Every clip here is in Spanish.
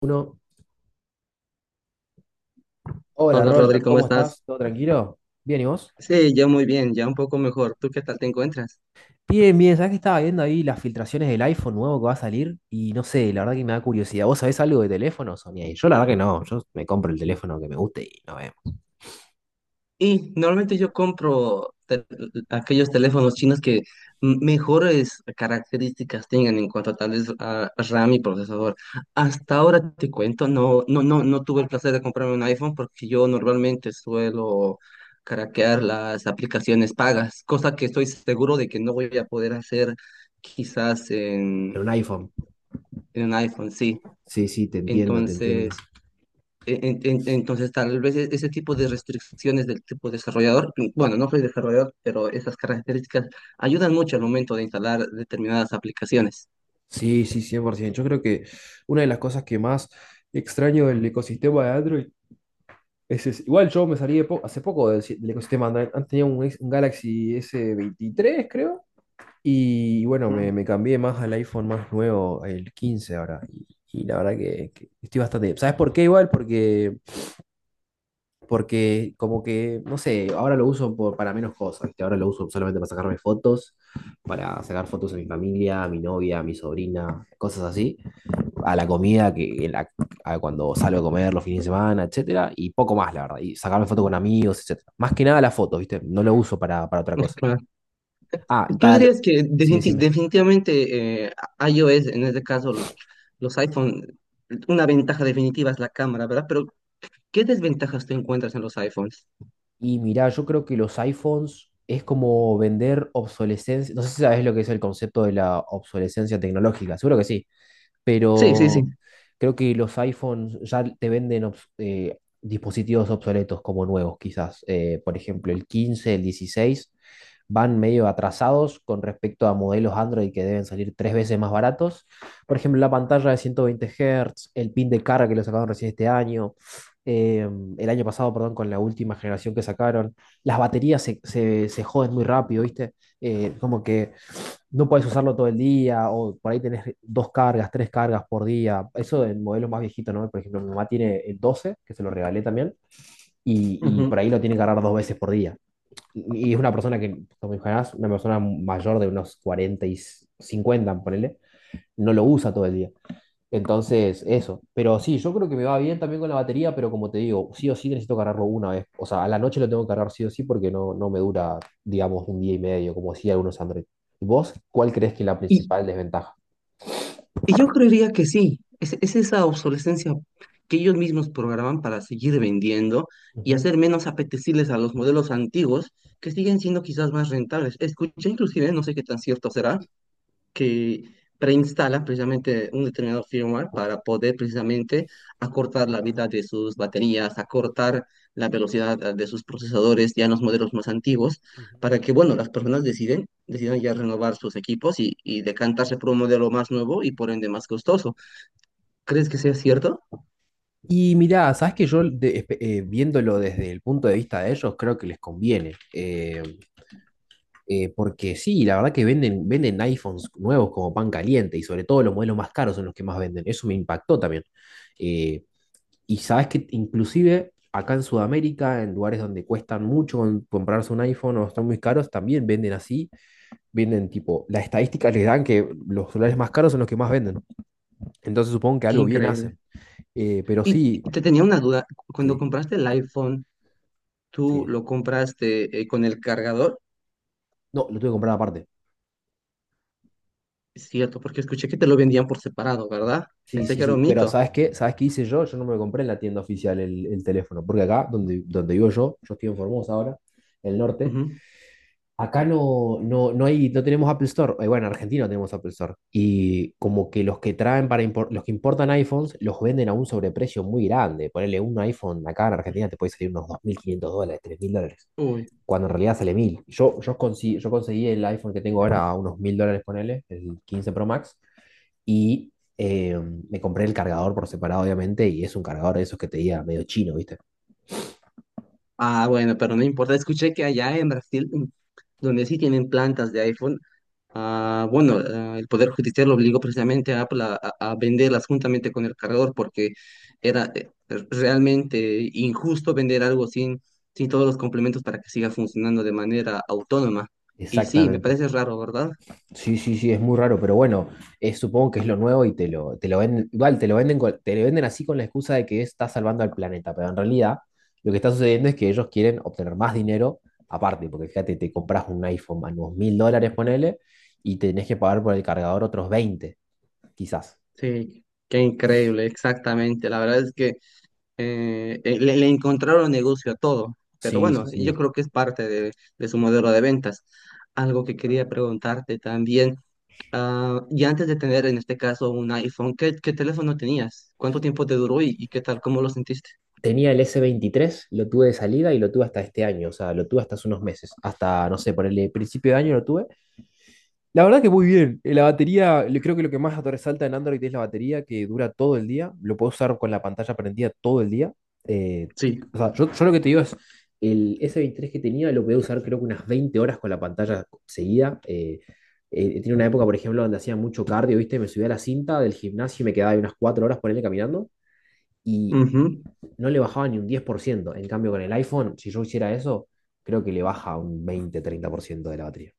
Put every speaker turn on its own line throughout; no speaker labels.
Uno. Hola
Hola Rodri,
Roger,
¿cómo
¿cómo
estás?
estás? ¿Todo tranquilo? Bien, ¿y vos?
Sí, ya muy bien, ya un poco mejor. ¿Tú qué tal te encuentras?
Bien, bien, ¿sabés que estaba viendo ahí las filtraciones del iPhone nuevo que va a salir? Y no sé, la verdad que me da curiosidad. ¿Vos sabés algo de teléfonos, Sonia? Y yo la verdad que no, yo me compro el teléfono que me guste y no vemos.
Y normalmente yo compro aquellos teléfonos chinos que mejores características tengan en cuanto a tal vez a RAM y procesador. Hasta ahora te cuento, no tuve el placer de comprarme un iPhone porque yo normalmente suelo craquear las aplicaciones pagas, cosa que estoy seguro de que no voy a poder hacer quizás en,
Pero un iPhone.
en un iPhone, sí.
Sí, sí, te entiendo, te entiendo.
Entonces... entonces, tal vez ese tipo de restricciones del tipo desarrollador, bueno, no soy desarrollador, pero esas características ayudan mucho al momento de instalar determinadas aplicaciones.
Sí, sí, 100%. Yo creo que una de las cosas que más extraño del ecosistema de Android es ese. Igual yo me salí hace poco del, si- del ecosistema Android. Antes tenía un Galaxy S23, creo. Y bueno, me,
¿Mm?
me cambié más al iPhone más nuevo, el 15 ahora. Y la verdad que estoy bastante. ¿Sabes por qué igual? Porque como que, no sé, ahora lo uso para menos cosas, ¿viste? Ahora lo uso solamente para sacarme fotos, para sacar fotos a mi familia, a mi novia, a mi sobrina, cosas así. A la comida, a cuando salgo a comer los fines de semana, etcétera. Y poco más, la verdad. Y sacarme fotos con amigos, etcétera. Más que nada las fotos, ¿viste? No lo uso para otra cosa.
Claro.
Ah,
¿Tú dirías que
Sí, decime.
definitivamente iOS, en este caso los iPhone, una ventaja definitiva es la cámara, ¿verdad? Pero ¿qué desventajas tú encuentras en los iPhones?
Y mirá, yo creo que los iPhones es como vender obsolescencia. No sé si sabes lo que es el concepto de la obsolescencia tecnológica, seguro que sí,
Sí, sí, sí.
pero creo que los iPhones ya te venden dispositivos obsoletos como nuevos, quizás. Por ejemplo, el 15, el 16 van medio atrasados con respecto a modelos Android que deben salir tres veces más baratos. Por ejemplo, la pantalla de 120 Hz, el pin de carga que lo sacaron recién este año, eh, el año pasado, perdón, con la última generación que sacaron. Las baterías se joden muy rápido, ¿viste? Como que no puedes usarlo todo el día, o por ahí tenés dos cargas, tres cargas por día. Eso en modelos más viejitos, ¿no? Por ejemplo, mi mamá tiene el doce que se lo regalé también, y por
Ujú.
ahí lo tiene que cargar dos veces por día. Y es una persona que, como imaginás, una persona mayor de unos 40 y 50 ponele, no lo usa todo el día. Entonces, eso. Pero sí, yo creo que me va bien también con la batería, pero como te digo, sí o sí necesito cargarlo una vez. O sea, a la noche lo tengo que cargar sí o sí porque no me dura, digamos, un día y medio, como sí algunos Android. ¿Y vos cuál crees que es la
Y,
principal desventaja?
Y yo creería que sí, es esa obsolescencia que ellos mismos programan para seguir vendiendo y
Ujú,
hacer menos apetecibles a los modelos antiguos que siguen siendo quizás más rentables. Escuché inclusive, no sé qué tan cierto será, que preinstala precisamente un determinado firmware para poder precisamente acortar la vida de sus baterías, acortar la velocidad de sus procesadores ya en los modelos más antiguos,
ujú.
para que, bueno, las personas decidan ya renovar sus equipos y decantarse por un modelo más nuevo y por ende más costoso. ¿Crees que sea cierto?
Y mirá, sabes que yo viéndolo desde el punto de vista de ellos, creo que les conviene. Porque sí, la verdad que venden iPhones nuevos como pan caliente, y sobre todo los modelos más caros son los que más venden. Eso me impactó también. Y sabes que inclusive acá en Sudamérica, en lugares donde cuestan mucho comprarse un iPhone o están muy caros, también venden así. Venden tipo, las estadísticas les dan que los celulares más caros son los que más venden. Entonces supongo que
Qué
algo bien
increíble.
hacen. Pero sí,
Y te tenía una duda, cuando
sí,
compraste el iPhone, ¿tú
sí.
lo compraste con el cargador?
No, lo tuve que comprar aparte.
Es cierto, porque escuché que te lo vendían por separado, ¿verdad?
Sí,
Pensé
sí,
que era un
sí. Pero
mito.
¿sabes qué? ¿Sabes qué hice yo? Yo no me compré en la tienda oficial el teléfono. Porque acá, donde vivo yo, yo estoy en Formosa ahora, el norte.
Ujú.
Acá no hay, no tenemos Apple Store. Bueno, en Argentina no tenemos Apple Store. Y como que los que traen los que importan iPhones los venden a un sobreprecio muy grande. Ponerle un iPhone acá en Argentina te puede salir unos $2.500, $3.000.
Uy.
Cuando en realidad sale mil. Yo conseguí el iPhone que tengo ahora a unos $1.000, ponele, el 15 Pro Max. Y me compré el cargador por separado, obviamente. Y es un cargador de esos que te diga medio chino, ¿viste?
Ah, bueno, pero no importa. Escuché que allá en Brasil, donde sí tienen plantas de iPhone, ah, bueno, ah, el Poder Judicial obligó precisamente a Apple a venderlas juntamente con el cargador porque era realmente injusto vender algo sin todos los complementos para que siga funcionando de manera autónoma. Y sí, me
Exactamente.
parece raro, ¿verdad?
Sí, sí, sí, es muy raro, pero bueno, supongo que es lo nuevo y te lo venden, igual te lo venden, te lo venden así con la excusa de que está salvando al planeta, pero en realidad lo que está sucediendo es que ellos quieren obtener más dinero aparte, porque fíjate, te compras un iPhone a unos $1.000, ponele, y tenés que pagar por el cargador otros 20, quizás.
Sí, qué increíble, exactamente. La verdad es que le encontraron negocio a todo, pero
Sí,
bueno,
sí,
yo
sí.
creo que es parte de su modelo de ventas. Algo que quería preguntarte también, ah, y antes de tener en este caso un iPhone, ¿qué, qué teléfono tenías? ¿Cuánto tiempo te duró y qué tal? ¿Cómo lo sentiste?
Tenía el s veintitrés, lo tuve de salida y lo tuve hasta este año, o sea, lo tuve hasta hace unos meses, hasta, no sé, por el principio de año lo tuve. La verdad que muy bien. Creo que lo que más resalta en Android es la batería que dura todo el día. Lo puedo usar con la pantalla prendida todo el día. Eh,
Sí.
o sea, yo lo que te digo es, el S23 que tenía lo podía usar creo que unas 20 horas con la pantalla seguida. Tiene una época, por ejemplo, donde hacía mucho cardio, ¿viste? Me subía a la cinta del gimnasio y me quedaba ahí unas 4 horas por él caminando y
Ujú.
no le bajaba ni un 10%. En cambio, con el iPhone, si yo hiciera eso, creo que le baja un veinte treinta por ciento de la batería.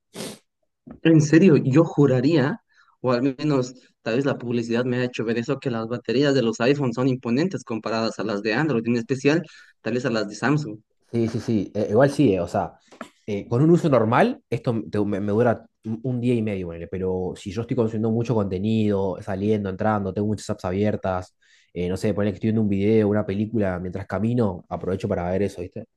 En serio, yo juraría, o al menos tal vez la publicidad me ha hecho ver eso, que las baterías de los iPhones son imponentes comparadas a las de Android, en especial tal vez a las de Samsung.
Sí, sí, sí. Igual sí, o sea, con un uso normal, me dura un día y medio, ponele, pero si yo estoy consumiendo mucho contenido, saliendo, entrando, tengo muchas apps abiertas, no sé, ponele que estoy viendo un video, una película mientras camino, aprovecho para ver eso, ¿viste?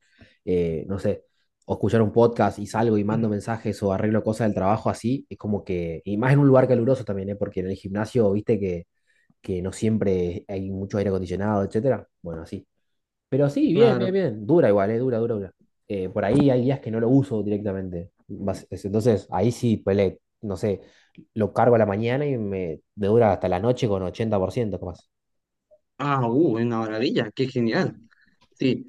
No sé, o escuchar un podcast y salgo y mando mensajes o arreglo cosas del trabajo así, es como que, y más en un lugar caluroso también, ¿eh? Porque en el gimnasio, viste que no siempre hay mucho aire acondicionado, etcétera. Bueno, así. Pero sí, bien, bien,
Claro.
bien. Dura igual, dura, dura, dura. Por ahí hay días que no lo uso directamente. Entonces, ahí sí, pele, no sé, lo cargo a la mañana y me dura hasta la noche con 80% capaz.
Ah, una maravilla, qué genial. Sí,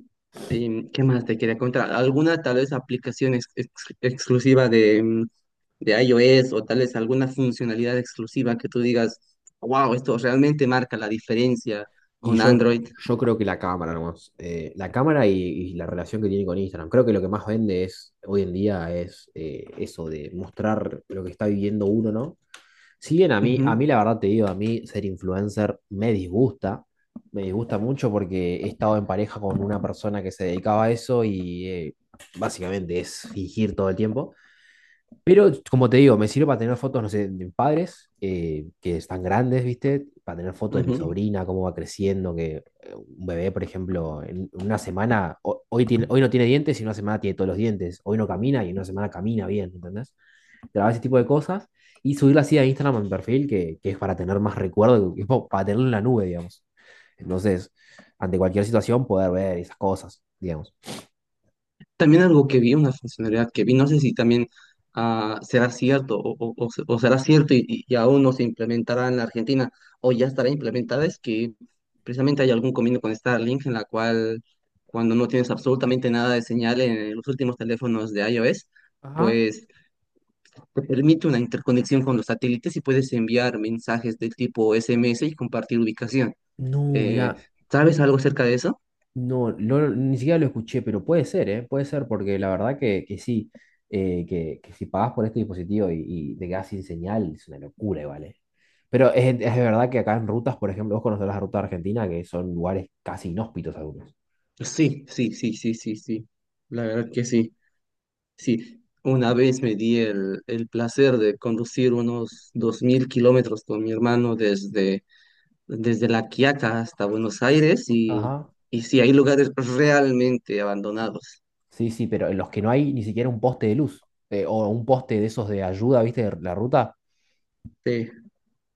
¿qué más te quería contar? ¿Alguna tal vez aplicación exclusiva de, de iOS o tal vez alguna funcionalidad exclusiva que tú digas, wow, esto realmente marca la diferencia
Y
con
yo,
Android?
yo creo que la cámara nomás. La cámara y la relación que tiene con Instagram. Creo que lo que más vende es hoy en día es eso de mostrar lo que está viviendo uno, ¿no? Si bien a mí,
Ujú,
a mí la verdad te digo, a mí ser influencer me disgusta mucho porque he estado en pareja con una persona que se dedicaba a eso y básicamente es fingir todo el tiempo. Pero como te digo, me sirve para tener fotos, no sé, de mis padres que están grandes, ¿viste? Para tener fotos de mi
ujú.
sobrina, cómo va creciendo, que un bebé, por ejemplo, en una semana, hoy, hoy no tiene dientes, y en una semana tiene todos los dientes, hoy no camina y en una semana camina bien, ¿entendés? Grabar ese tipo de cosas y subirlo así a Instagram a mi perfil, que es para tener más recuerdo, que es para tenerlo en la nube, digamos. Entonces, ante cualquier situación, poder ver esas cosas, digamos.
También algo que vi, una funcionalidad que vi, no sé si también será cierto o será cierto y aún no se implementará en la Argentina o ya estará implementada, es que precisamente hay algún convenio con Starlink en la cual cuando no tienes absolutamente nada de señal en los últimos teléfonos de iOS,
Ajá.
pues te permite una interconexión con los satélites y puedes enviar mensajes de tipo SMS y compartir ubicación.
No,
Eh,
mira,
¿Sabes algo acerca de eso?
no, ni siquiera lo escuché, pero puede ser, ¿eh? Puede ser, porque la verdad que sí, que si pagas por este dispositivo y te quedas sin señal, es una locura, ¿vale? Pero es de verdad que acá en rutas, por ejemplo, vos conocerás la ruta de Argentina, que son lugares casi inhóspitos algunos.
Sí, sí, sí, sí, sí, sí. La verdad que sí. Sí, una vez me di el placer de conducir unos 2000 kilómetros con mi hermano desde, desde La Quiaca hasta Buenos Aires
Ajá.
y sí, hay lugares realmente abandonados.
Sí, sí, pero en los que no hay ni siquiera un poste de luz o un poste de esos de ayuda, ¿viste? De la ruta.
Sí,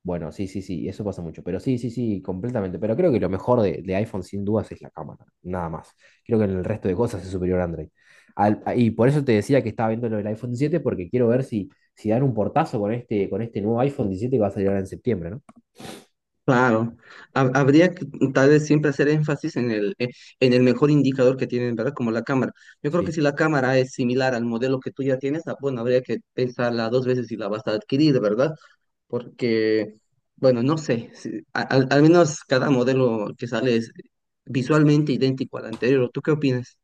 Bueno, sí, sí, sí, eso pasa mucho. Pero sí, sí, sí, completamente. Pero creo que lo mejor de iPhone sin dudas es la cámara, nada más. Creo que en el resto de cosas es superior a Android. Y por eso te decía que estaba viendo lo del iPhone 7, porque quiero ver si dan un portazo con este nuevo iPhone 17 que va a salir ahora en septiembre, ¿no?
claro. Habría que tal vez siempre hacer énfasis en el mejor indicador que tienen, ¿verdad? Como la cámara. Yo creo que
Sí.
si la cámara es similar al modelo que tú ya tienes, ah, bueno, habría que pensarla dos veces si la vas a adquirir, ¿verdad? Porque, bueno, no sé, al, al menos cada modelo que sale es visualmente idéntico al anterior. ¿Tú qué opinas?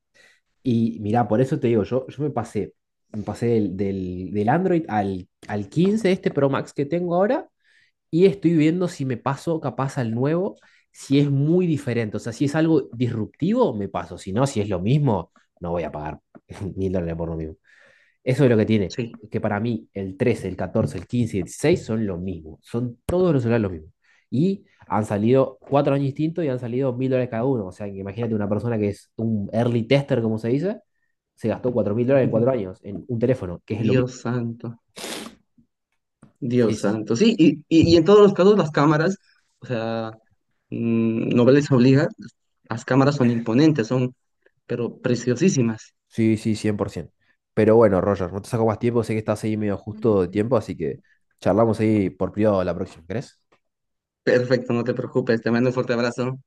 Y mirá, por eso te digo, yo me pasé del Android al 15 este Pro Max que tengo ahora, y estoy viendo si me paso capaz al nuevo, si es muy diferente, o sea, si es algo disruptivo, me paso, si no, si es lo mismo, no voy a pagar $1.000 por lo mismo. Eso es lo que tiene,
Sí.
que para mí el trece, el catorce, el quince, el 16 son lo mismo, son todos los celulares lo mismo. Y han salido cuatro años distintos y han salido $1.000 cada uno, o sea, imagínate una persona que es un early tester, como se dice, se gastó $4.000 en cuatro años en un teléfono, que es lo mismo.
Dios santo,
Sí,
Dios
sí.
santo. Sí, y en todos los casos las cámaras, o sea, no les obliga, las cámaras son imponentes, son, pero preciosísimas.
Sí, sí, 100%. Pero bueno, Roger, no te saco más tiempo, sé que estás ahí medio justo de tiempo, así que charlamos ahí por privado la próxima, ¿crees?
Perfecto, no te preocupes, te mando un fuerte abrazo.